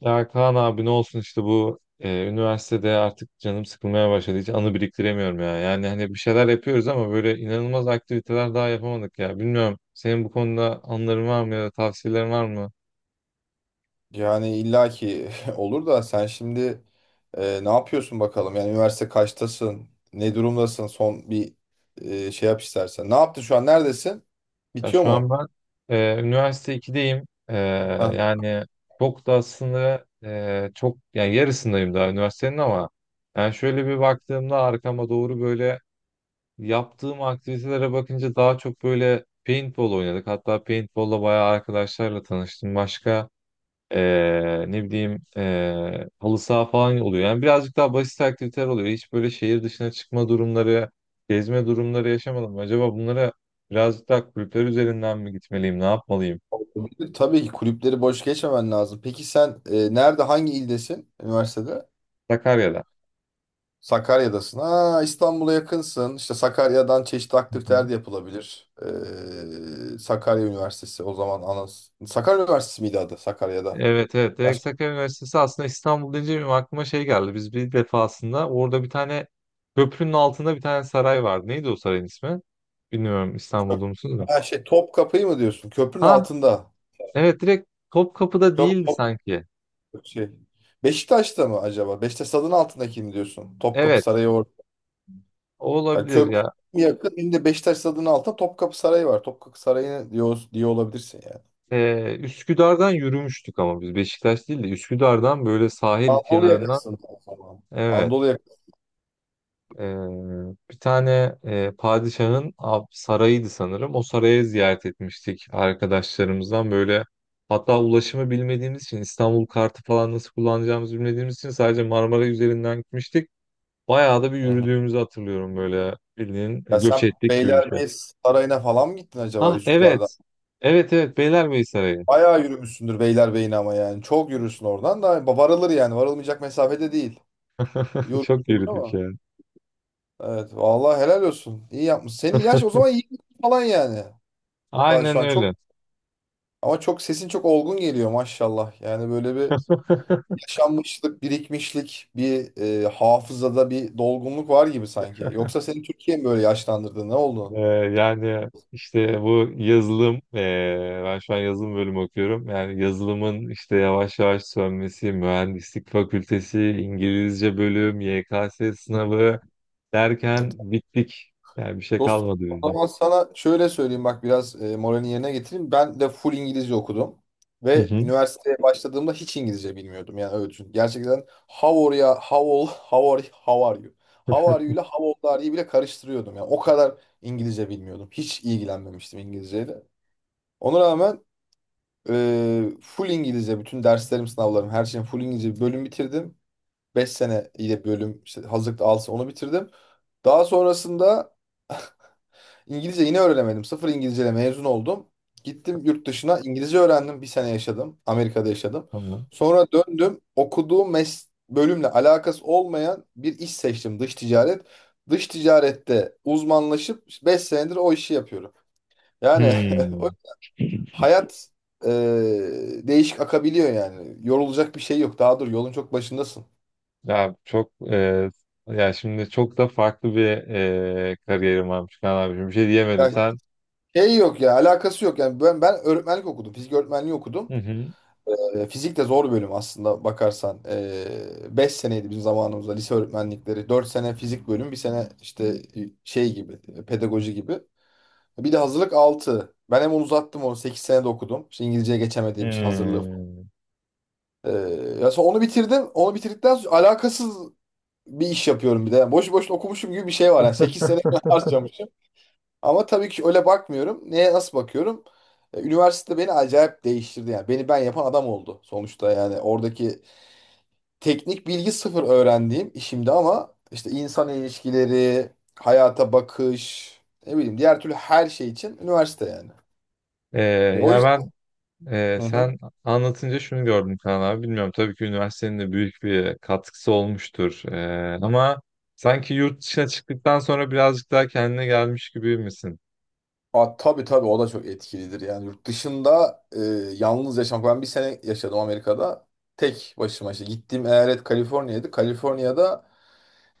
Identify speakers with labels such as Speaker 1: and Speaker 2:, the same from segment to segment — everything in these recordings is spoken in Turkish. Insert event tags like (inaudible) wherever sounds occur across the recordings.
Speaker 1: Ya Kaan abi ne olsun işte üniversitede artık canım sıkılmaya başladı. Hiç anı biriktiremiyorum ya. Yani hani bir şeyler yapıyoruz ama böyle inanılmaz aktiviteler daha yapamadık ya. Bilmiyorum senin bu konuda anıların var mı ya da tavsiyelerin var mı?
Speaker 2: Yani illaki (laughs) olur da sen şimdi ne yapıyorsun bakalım? Yani üniversite kaçtasın? Ne durumdasın? Son bir şey yap istersen. Ne yaptın şu an? Neredesin?
Speaker 1: Ya
Speaker 2: Bitiyor
Speaker 1: şu an
Speaker 2: mu?
Speaker 1: ben üniversite ikideyim.
Speaker 2: Ha,
Speaker 1: Yani çok da aslında çok yani yarısındayım daha üniversitenin, ama yani şöyle bir baktığımda arkama doğru, böyle yaptığım aktivitelere bakınca daha çok böyle paintball oynadık. Hatta paintball'la bayağı arkadaşlarla tanıştım. Başka ne bileyim, halı saha falan oluyor. Yani birazcık daha basit aktiviteler oluyor. Hiç böyle şehir dışına çıkma durumları, gezme durumları yaşamadım. Acaba bunlara birazcık daha kulüpler üzerinden mi gitmeliyim, ne yapmalıyım?
Speaker 2: tabii tabii ki kulüpleri boş geçmemen lazım. Peki sen nerede, hangi ildesin üniversitede?
Speaker 1: Sakarya'da.
Speaker 2: Sakarya'dasın. Ha, İstanbul'a yakınsın. İşte Sakarya'dan çeşitli aktiviteler de yapılabilir. Sakarya Üniversitesi o zaman Sakarya Üniversitesi miydi adı Sakarya'da?
Speaker 1: Evet, evet. Direkt Sakarya Üniversitesi. Aslında İstanbul deyince benim aklıma şey geldi. Biz bir defasında orada bir tane köprünün altında bir tane saray vardı. Neydi o sarayın ismi? Bilmiyorum, İstanbul'da musunuz da.
Speaker 2: Ha, şey, top kapıyı mı diyorsun? Köprünün
Speaker 1: Ha
Speaker 2: altında.
Speaker 1: evet, direkt Topkapı'da
Speaker 2: Top,
Speaker 1: değildi
Speaker 2: top
Speaker 1: sanki.
Speaker 2: şey. Beşiktaş'ta mı acaba? Beşiktaş stadının altındaki mi diyorsun? Topkapı
Speaker 1: Evet,
Speaker 2: Sarayı orada.
Speaker 1: o
Speaker 2: Yani
Speaker 1: olabilir
Speaker 2: köprü
Speaker 1: ya.
Speaker 2: yakın. Şimdi Beşiktaş stadının altında Topkapı Sarayı var. Topkapı Sarayı diyor olabilirsin yani.
Speaker 1: Üsküdar'dan yürümüştük ama biz, Beşiktaş değil de Üsküdar'dan, böyle sahil
Speaker 2: Anadolu
Speaker 1: kenarından.
Speaker 2: yakasında o zaman.
Speaker 1: Evet.
Speaker 2: Anadolu yakası.
Speaker 1: Ee, Bir tane padişahın sarayıydı sanırım. O sarayı ziyaret etmiştik arkadaşlarımızdan böyle. Hatta ulaşımı bilmediğimiz için, İstanbul kartı falan nasıl kullanacağımızı bilmediğimiz için sadece Marmara üzerinden gitmiştik. Bayağı da bir
Speaker 2: Hı hı.
Speaker 1: yürüdüğümüzü hatırlıyorum, böyle bildiğin
Speaker 2: Ya
Speaker 1: göç
Speaker 2: sen
Speaker 1: ettik gibi bir şey.
Speaker 2: Beylerbeyi Sarayı'na falan mı gittin acaba
Speaker 1: Ah
Speaker 2: Üsküdar'dan?
Speaker 1: evet. Evet evet, Beylerbeyi Sarayı.
Speaker 2: Bayağı yürümüşsündür Beylerbeyi'ne ama yani. Çok yürürsün, oradan da varılır yani. Varılmayacak mesafede değil.
Speaker 1: (laughs)
Speaker 2: Yorucu
Speaker 1: Çok
Speaker 2: olur
Speaker 1: yürüdük
Speaker 2: ama.
Speaker 1: yani.
Speaker 2: Evet vallahi helal olsun. İyi yapmış. Senin yaş o zaman iyi falan yani. Daha şu
Speaker 1: Aynen
Speaker 2: an
Speaker 1: öyle.
Speaker 2: çok, ama çok sesin çok olgun geliyor maşallah. Yani böyle bir
Speaker 1: (laughs)
Speaker 2: yaşanmışlık, birikmişlik, bir hafızada bir dolgunluk var gibi sanki. Yoksa seni Türkiye mi böyle yaşlandırdı? Ne oldu?
Speaker 1: Yani işte bu yazılım, ben şu an yazılım bölümü okuyorum. Yani yazılımın işte yavaş yavaş sönmesi, mühendislik fakültesi, İngilizce bölüm, YKS sınavı derken bittik. Yani bir şey
Speaker 2: Dostum,
Speaker 1: kalmadı
Speaker 2: o
Speaker 1: bizde.
Speaker 2: zaman sana şöyle söyleyeyim, bak biraz moralini yerine getireyim. Ben de full İngilizce okudum
Speaker 1: Hı
Speaker 2: ve
Speaker 1: hı.
Speaker 2: üniversiteye başladığımda hiç İngilizce bilmiyordum. Yani öyle düşün. Gerçekten how are you? How are you
Speaker 1: (laughs)
Speaker 2: ile how old are you bile karıştırıyordum. Yani o kadar İngilizce bilmiyordum. Hiç ilgilenmemiştim İngilizceyle. Ona rağmen full İngilizce bütün derslerim, sınavlarım, her şeyim full İngilizce, bir bölüm bitirdim. 5 sene ile bölüm, işte hazırlıkta alsa onu bitirdim. Daha sonrasında İngilizce yine öğrenemedim. Sıfır İngilizceyle mezun oldum. Gittim yurt dışına, İngilizce öğrendim. Bir sene yaşadım. Amerika'da yaşadım.
Speaker 1: Tamam.
Speaker 2: Sonra döndüm. Okuduğum bölümle alakası olmayan bir iş seçtim. Dış ticaret. Dış ticarette uzmanlaşıp 5 senedir o işi yapıyorum. Yani (laughs) o-
Speaker 1: Hmm.
Speaker 2: hayat e, değişik akabiliyor yani. Yorulacak bir şey yok. Daha dur, yolun çok başındasın.
Speaker 1: Ya çok ya şimdi çok da farklı bir kariyerim varmış Kaan abiciğim. Bir şey diyemedim
Speaker 2: Yani
Speaker 1: sen.
Speaker 2: şey yok ya, alakası yok. Yani ben öğretmenlik okudum. Fizik öğretmenliği okudum.
Speaker 1: Hı hı.
Speaker 2: Fizik de zor bölüm aslında bakarsan. 5 seneydi bizim zamanımızda lise öğretmenlikleri. 4 sene fizik bölüm, bir sene işte şey gibi, pedagoji gibi. Bir de hazırlık altı. Ben hem onu uzattım, onu 8 sene de okudum. İşte İngilizceye geçemediğim için hazırlığı.
Speaker 1: Hmm.
Speaker 2: E, ya sonra onu bitirdim. Onu bitirdikten sonra alakasız bir iş yapıyorum bir de. Yani boş boşuna okumuşum gibi bir şey var. Yani 8 sene (laughs) harcamışım. Ama tabii ki öyle bakmıyorum. Neye nasıl bakıyorum? Üniversite beni acayip değiştirdi yani. Beni ben yapan adam oldu sonuçta yani. Oradaki teknik bilgi sıfır öğrendiğim işimde, ama işte insan ilişkileri, hayata bakış, ne bileyim, diğer türlü her şey için üniversite yani.
Speaker 1: E,
Speaker 2: O
Speaker 1: ya ben
Speaker 2: yüzden.
Speaker 1: Ee,
Speaker 2: Hı hı.
Speaker 1: sen anlatınca şunu gördüm Kaan abi. Bilmiyorum, tabii ki üniversitenin de büyük bir katkısı olmuştur. Ama sanki yurt dışına çıktıktan sonra birazcık daha kendine gelmiş gibi misin?
Speaker 2: Aa, tabii tabii o da çok etkilidir yani. Yurt dışında yalnız yaşamak, ben bir sene yaşadım Amerika'da tek başıma. İşte gittiğim eyalet Kaliforniya'ydı. Kaliforniya'da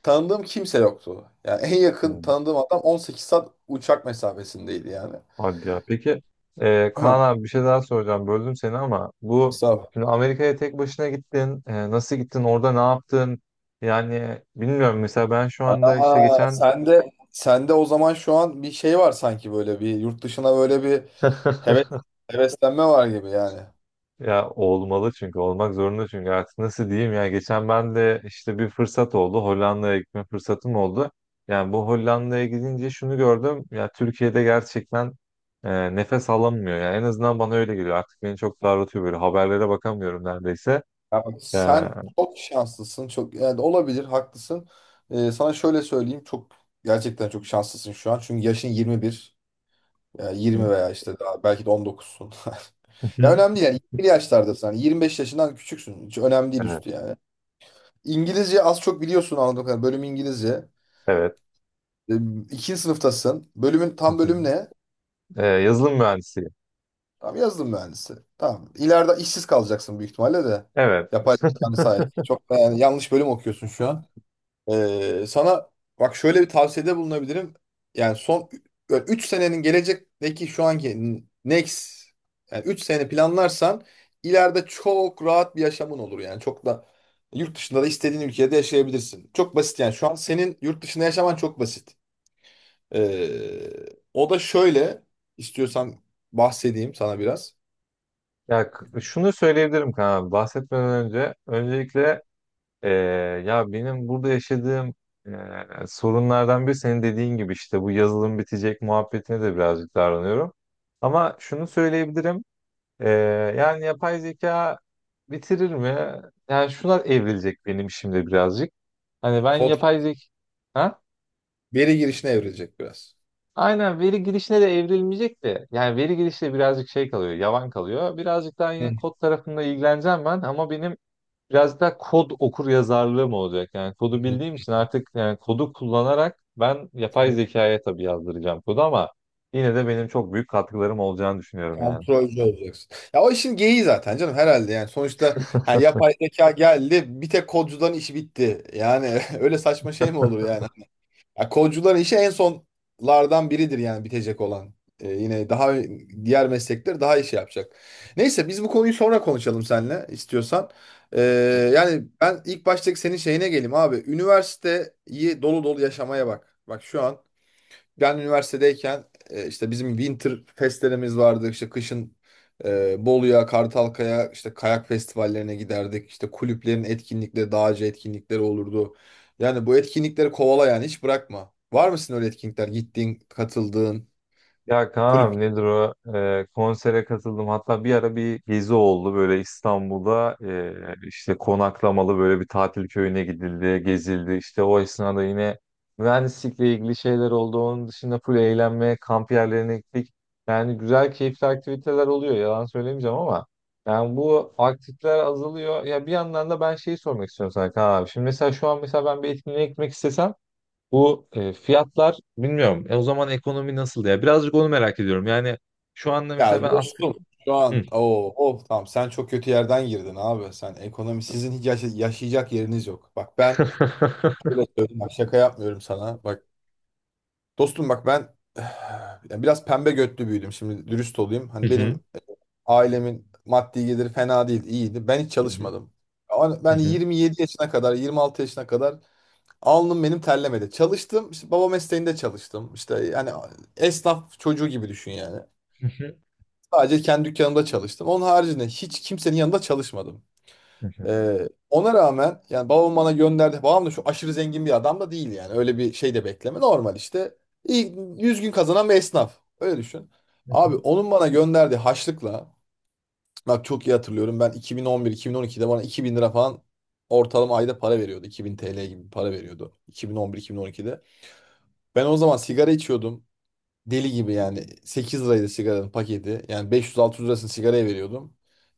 Speaker 2: tanıdığım kimse yoktu yani. En yakın
Speaker 1: Hmm.
Speaker 2: tanıdığım adam 18 saat uçak mesafesindeydi yani.
Speaker 1: Hadi ya. Peki Kaan
Speaker 2: (clears throat)
Speaker 1: abi bir şey daha soracağım. Böldüm seni ama bu
Speaker 2: Estağfurullah.
Speaker 1: şimdi, Amerika'ya tek başına gittin. E, nasıl gittin? Orada ne yaptın? Yani bilmiyorum. Mesela ben şu anda işte
Speaker 2: Aa,
Speaker 1: geçen...
Speaker 2: sen de o zaman şu an bir şey var sanki, böyle bir yurt dışına böyle bir heves heveslenme var gibi yani.
Speaker 1: Ya olmalı, çünkü olmak zorunda, çünkü artık nasıl diyeyim, ya geçen ben de işte bir fırsat oldu, Hollanda'ya gitme fırsatım oldu. Yani bu Hollanda'ya gidince şunu gördüm ya, Türkiye'de gerçekten nefes alamıyor, yani en azından bana öyle geliyor, artık beni çok daraltıyor, böyle haberlere bakamıyorum neredeyse.
Speaker 2: Ya bak,
Speaker 1: Ya,
Speaker 2: sen çok şanslısın çok, yani olabilir, haklısın. Sana şöyle söyleyeyim, çok gerçekten çok şanslısın şu an, çünkü yaşın 21 yani, 20 veya işte daha belki de 19'sun. (laughs) Ya önemli değil
Speaker 1: (laughs)
Speaker 2: yani, 20 yaşlardasın, hani 25 yaşından küçüksün, hiç önemli değil üstü yani. İngilizce az çok biliyorsun anladığım kadarıyla, bölüm İngilizce.
Speaker 1: evet, evet.
Speaker 2: Ee, İkinci sınıftasın. Bölümün tam, bölüm ne?
Speaker 1: E, yazılım mühendisi.
Speaker 2: Tamam, yazdım mühendisi. Tamam. İleride işsiz kalacaksın büyük ihtimalle de.
Speaker 1: Evet.
Speaker 2: Yapay zekanın sayesinde. Çok da yani yanlış bölüm okuyorsun şu an. Sana bak şöyle bir tavsiyede bulunabilirim. Yani son 3 senenin gelecekteki şu anki next, yani 3 sene planlarsan ileride çok rahat bir yaşamın olur yani. Çok da yurt dışında da istediğin ülkede yaşayabilirsin. Çok basit yani. Şu an senin yurt dışında yaşaman çok basit. O da şöyle, istiyorsan bahsedeyim sana biraz.
Speaker 1: Şunu söyleyebilirim Kaan abi, bahsetmeden önce öncelikle Ee, ya benim burada yaşadığım sorunlardan biri, senin dediğin gibi işte bu yazılım bitecek muhabbetine de birazcık davranıyorum. Ama şunu söyleyebilirim. Ee, Yani yapay zeka bitirir mi? Yani şuna evrilecek benim şimdi birazcık. Hani ben
Speaker 2: Kod
Speaker 1: yapay zeka... Ha?
Speaker 2: veri girişine evrilecek biraz.
Speaker 1: Aynen, veri girişine de evrilmeyecek de. Yani veri girişte birazcık şey kalıyor, yavan kalıyor. Birazcık daha
Speaker 2: Hı
Speaker 1: yine kod tarafında ilgileneceğim ben, ama benim biraz da kod okur yazarlığı mı olacak? Yani kodu
Speaker 2: hı.
Speaker 1: bildiğim için, artık yani kodu kullanarak ben yapay zekaya tabii yazdıracağım kodu ama yine de benim çok büyük katkılarım olacağını düşünüyorum yani.
Speaker 2: Kontrolcü olacaksın. Ya o işin geyiği zaten canım herhalde yani. Sonuçta ha, yapay zeka geldi bir tek kodcuların işi bitti. Yani (laughs) öyle saçma şey mi olur yani? Ya kolcuların işi en sonlardan biridir yani bitecek olan. Yine daha diğer meslekler daha işi yapacak. Neyse biz bu konuyu sonra konuşalım seninle, istiyorsan. Ee, yani ben ilk baştaki senin şeyine geleyim abi. Üniversiteyi dolu dolu yaşamaya bak. Bak şu an, ben üniversitedeyken işte bizim winter festlerimiz vardı. İşte kışın Bolu'ya, Kartalkaya, işte kayak festivallerine giderdik. İşte kulüplerin etkinlikleri, dağcı etkinlikleri olurdu. Yani bu etkinlikleri kovala yani, hiç bırakma. Var mısın öyle etkinlikler? Gittiğin, katıldığın
Speaker 1: Ya
Speaker 2: kulüp.
Speaker 1: Kaan nedir o? Konsere katıldım. Hatta bir ara bir gezi oldu böyle, İstanbul'da işte konaklamalı böyle bir tatil köyüne gidildi, gezildi. İşte o esnada yine mühendislikle ilgili şeyler oldu. Onun dışında full eğlenme, kamp yerlerine gittik. Yani güzel, keyifli aktiviteler oluyor. Yalan söylemeyeceğim ama yani bu aktifler azalıyor. Ya bir yandan da ben şeyi sormak istiyorum sana Kaan abi. Şimdi mesela şu an, mesela ben bir etkinliğe gitmek istesem bu fiyatlar bilmiyorum. E, o zaman ekonomi nasıl ya? Birazcık onu merak ediyorum. Yani şu anda mesela
Speaker 2: Ya
Speaker 1: ben asgari...
Speaker 2: dostum, şu
Speaker 1: Hı.
Speaker 2: an oh tamam, sen çok kötü yerden girdin abi. Sen ekonomi, sizin hiç yaşayacak yeriniz yok. Bak ben
Speaker 1: (laughs)
Speaker 2: şöyle söyleyeyim, bak şaka yapmıyorum sana. Bak, dostum, bak ben (sighs) yani biraz pembe götlü büyüdüm. Şimdi dürüst olayım.
Speaker 1: Hı
Speaker 2: Hani
Speaker 1: hı,
Speaker 2: benim ailemin maddi geliri fena değil, iyiydi. Ben hiç
Speaker 1: hı hı,
Speaker 2: çalışmadım. Ama
Speaker 1: hı
Speaker 2: ben
Speaker 1: hı,
Speaker 2: 27 yaşına kadar, 26 yaşına kadar alnım benim terlemedi. Çalıştım. İşte baba mesleğinde çalıştım. İşte yani esnaf çocuğu gibi düşün yani.
Speaker 1: hı hı,
Speaker 2: Sadece kendi dükkanımda çalıştım. Onun haricinde hiç kimsenin yanında çalışmadım.
Speaker 1: hı hı,
Speaker 2: Ona rağmen yani babam bana gönderdi. Babam da şu aşırı zengin bir adam da değil yani. Öyle bir şey de bekleme. Normal işte. İlk 100 gün kazanan bir esnaf. Öyle düşün.
Speaker 1: hı
Speaker 2: Abi,
Speaker 1: hı.
Speaker 2: onun bana gönderdiği haçlıkla, bak çok iyi hatırlıyorum. Ben 2011-2012'de bana 2000 lira falan ortalama ayda para veriyordu. 2000 TL gibi bir para veriyordu, 2011-2012'de. Ben o zaman sigara içiyordum. Deli gibi, yani 8 liraydı sigaranın paketi. Yani beş yüz, altı yüz lirasını sigaraya veriyordum.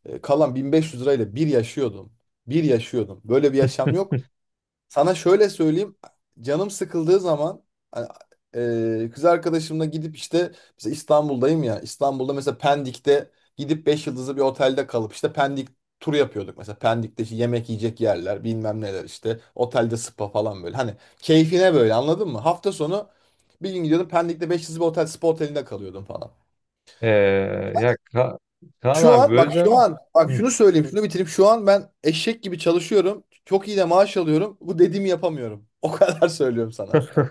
Speaker 2: Kalan 1500 lirayla bir yaşıyordum. Bir yaşıyordum. Böyle bir yaşam yok. Sana şöyle söyleyeyim. Canım sıkıldığı zaman hani, kız arkadaşımla gidip işte, mesela İstanbul'dayım ya. İstanbul'da mesela Pendik'te, gidip 5 yıldızlı bir otelde kalıp işte Pendik turu yapıyorduk. Mesela Pendik'te işte yemek yiyecek yerler, bilmem neler işte. Otelde spa falan böyle. Hani keyfine böyle, anladın mı? Hafta sonu bir gün gidiyordum Pendik'te, 5 yıldızlı bir otel, spa otelinde kalıyordum falan.
Speaker 1: Ee, ya Ka Kaan
Speaker 2: Şu
Speaker 1: abi,
Speaker 2: an bak şu
Speaker 1: böleceğim.
Speaker 2: an bak
Speaker 1: Hı.
Speaker 2: şunu söyleyeyim, şunu bitireyim. Şu an ben eşek gibi çalışıyorum. Çok iyi de maaş alıyorum. Bu dediğimi yapamıyorum. (laughs) O kadar söylüyorum sana.
Speaker 1: (laughs)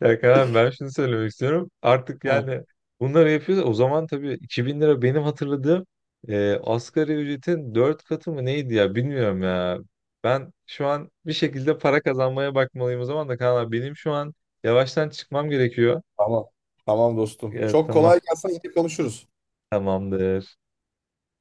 Speaker 1: Ya Kaan, ben şunu söylemek istiyorum. Artık
Speaker 2: Ha,
Speaker 1: yani bunları yapıyoruz. O zaman tabii 2.000 lira, benim hatırladığım asgari ücretin 4 katı mı neydi ya, bilmiyorum ya. Ben şu an bir şekilde para kazanmaya bakmalıyım o zaman da Kaan abi. Benim şu an yavaştan çıkmam gerekiyor.
Speaker 2: tamam. Tamam dostum.
Speaker 1: Evet
Speaker 2: Çok
Speaker 1: tamam,
Speaker 2: kolay gelsin. Yine konuşuruz.
Speaker 1: tamamdır.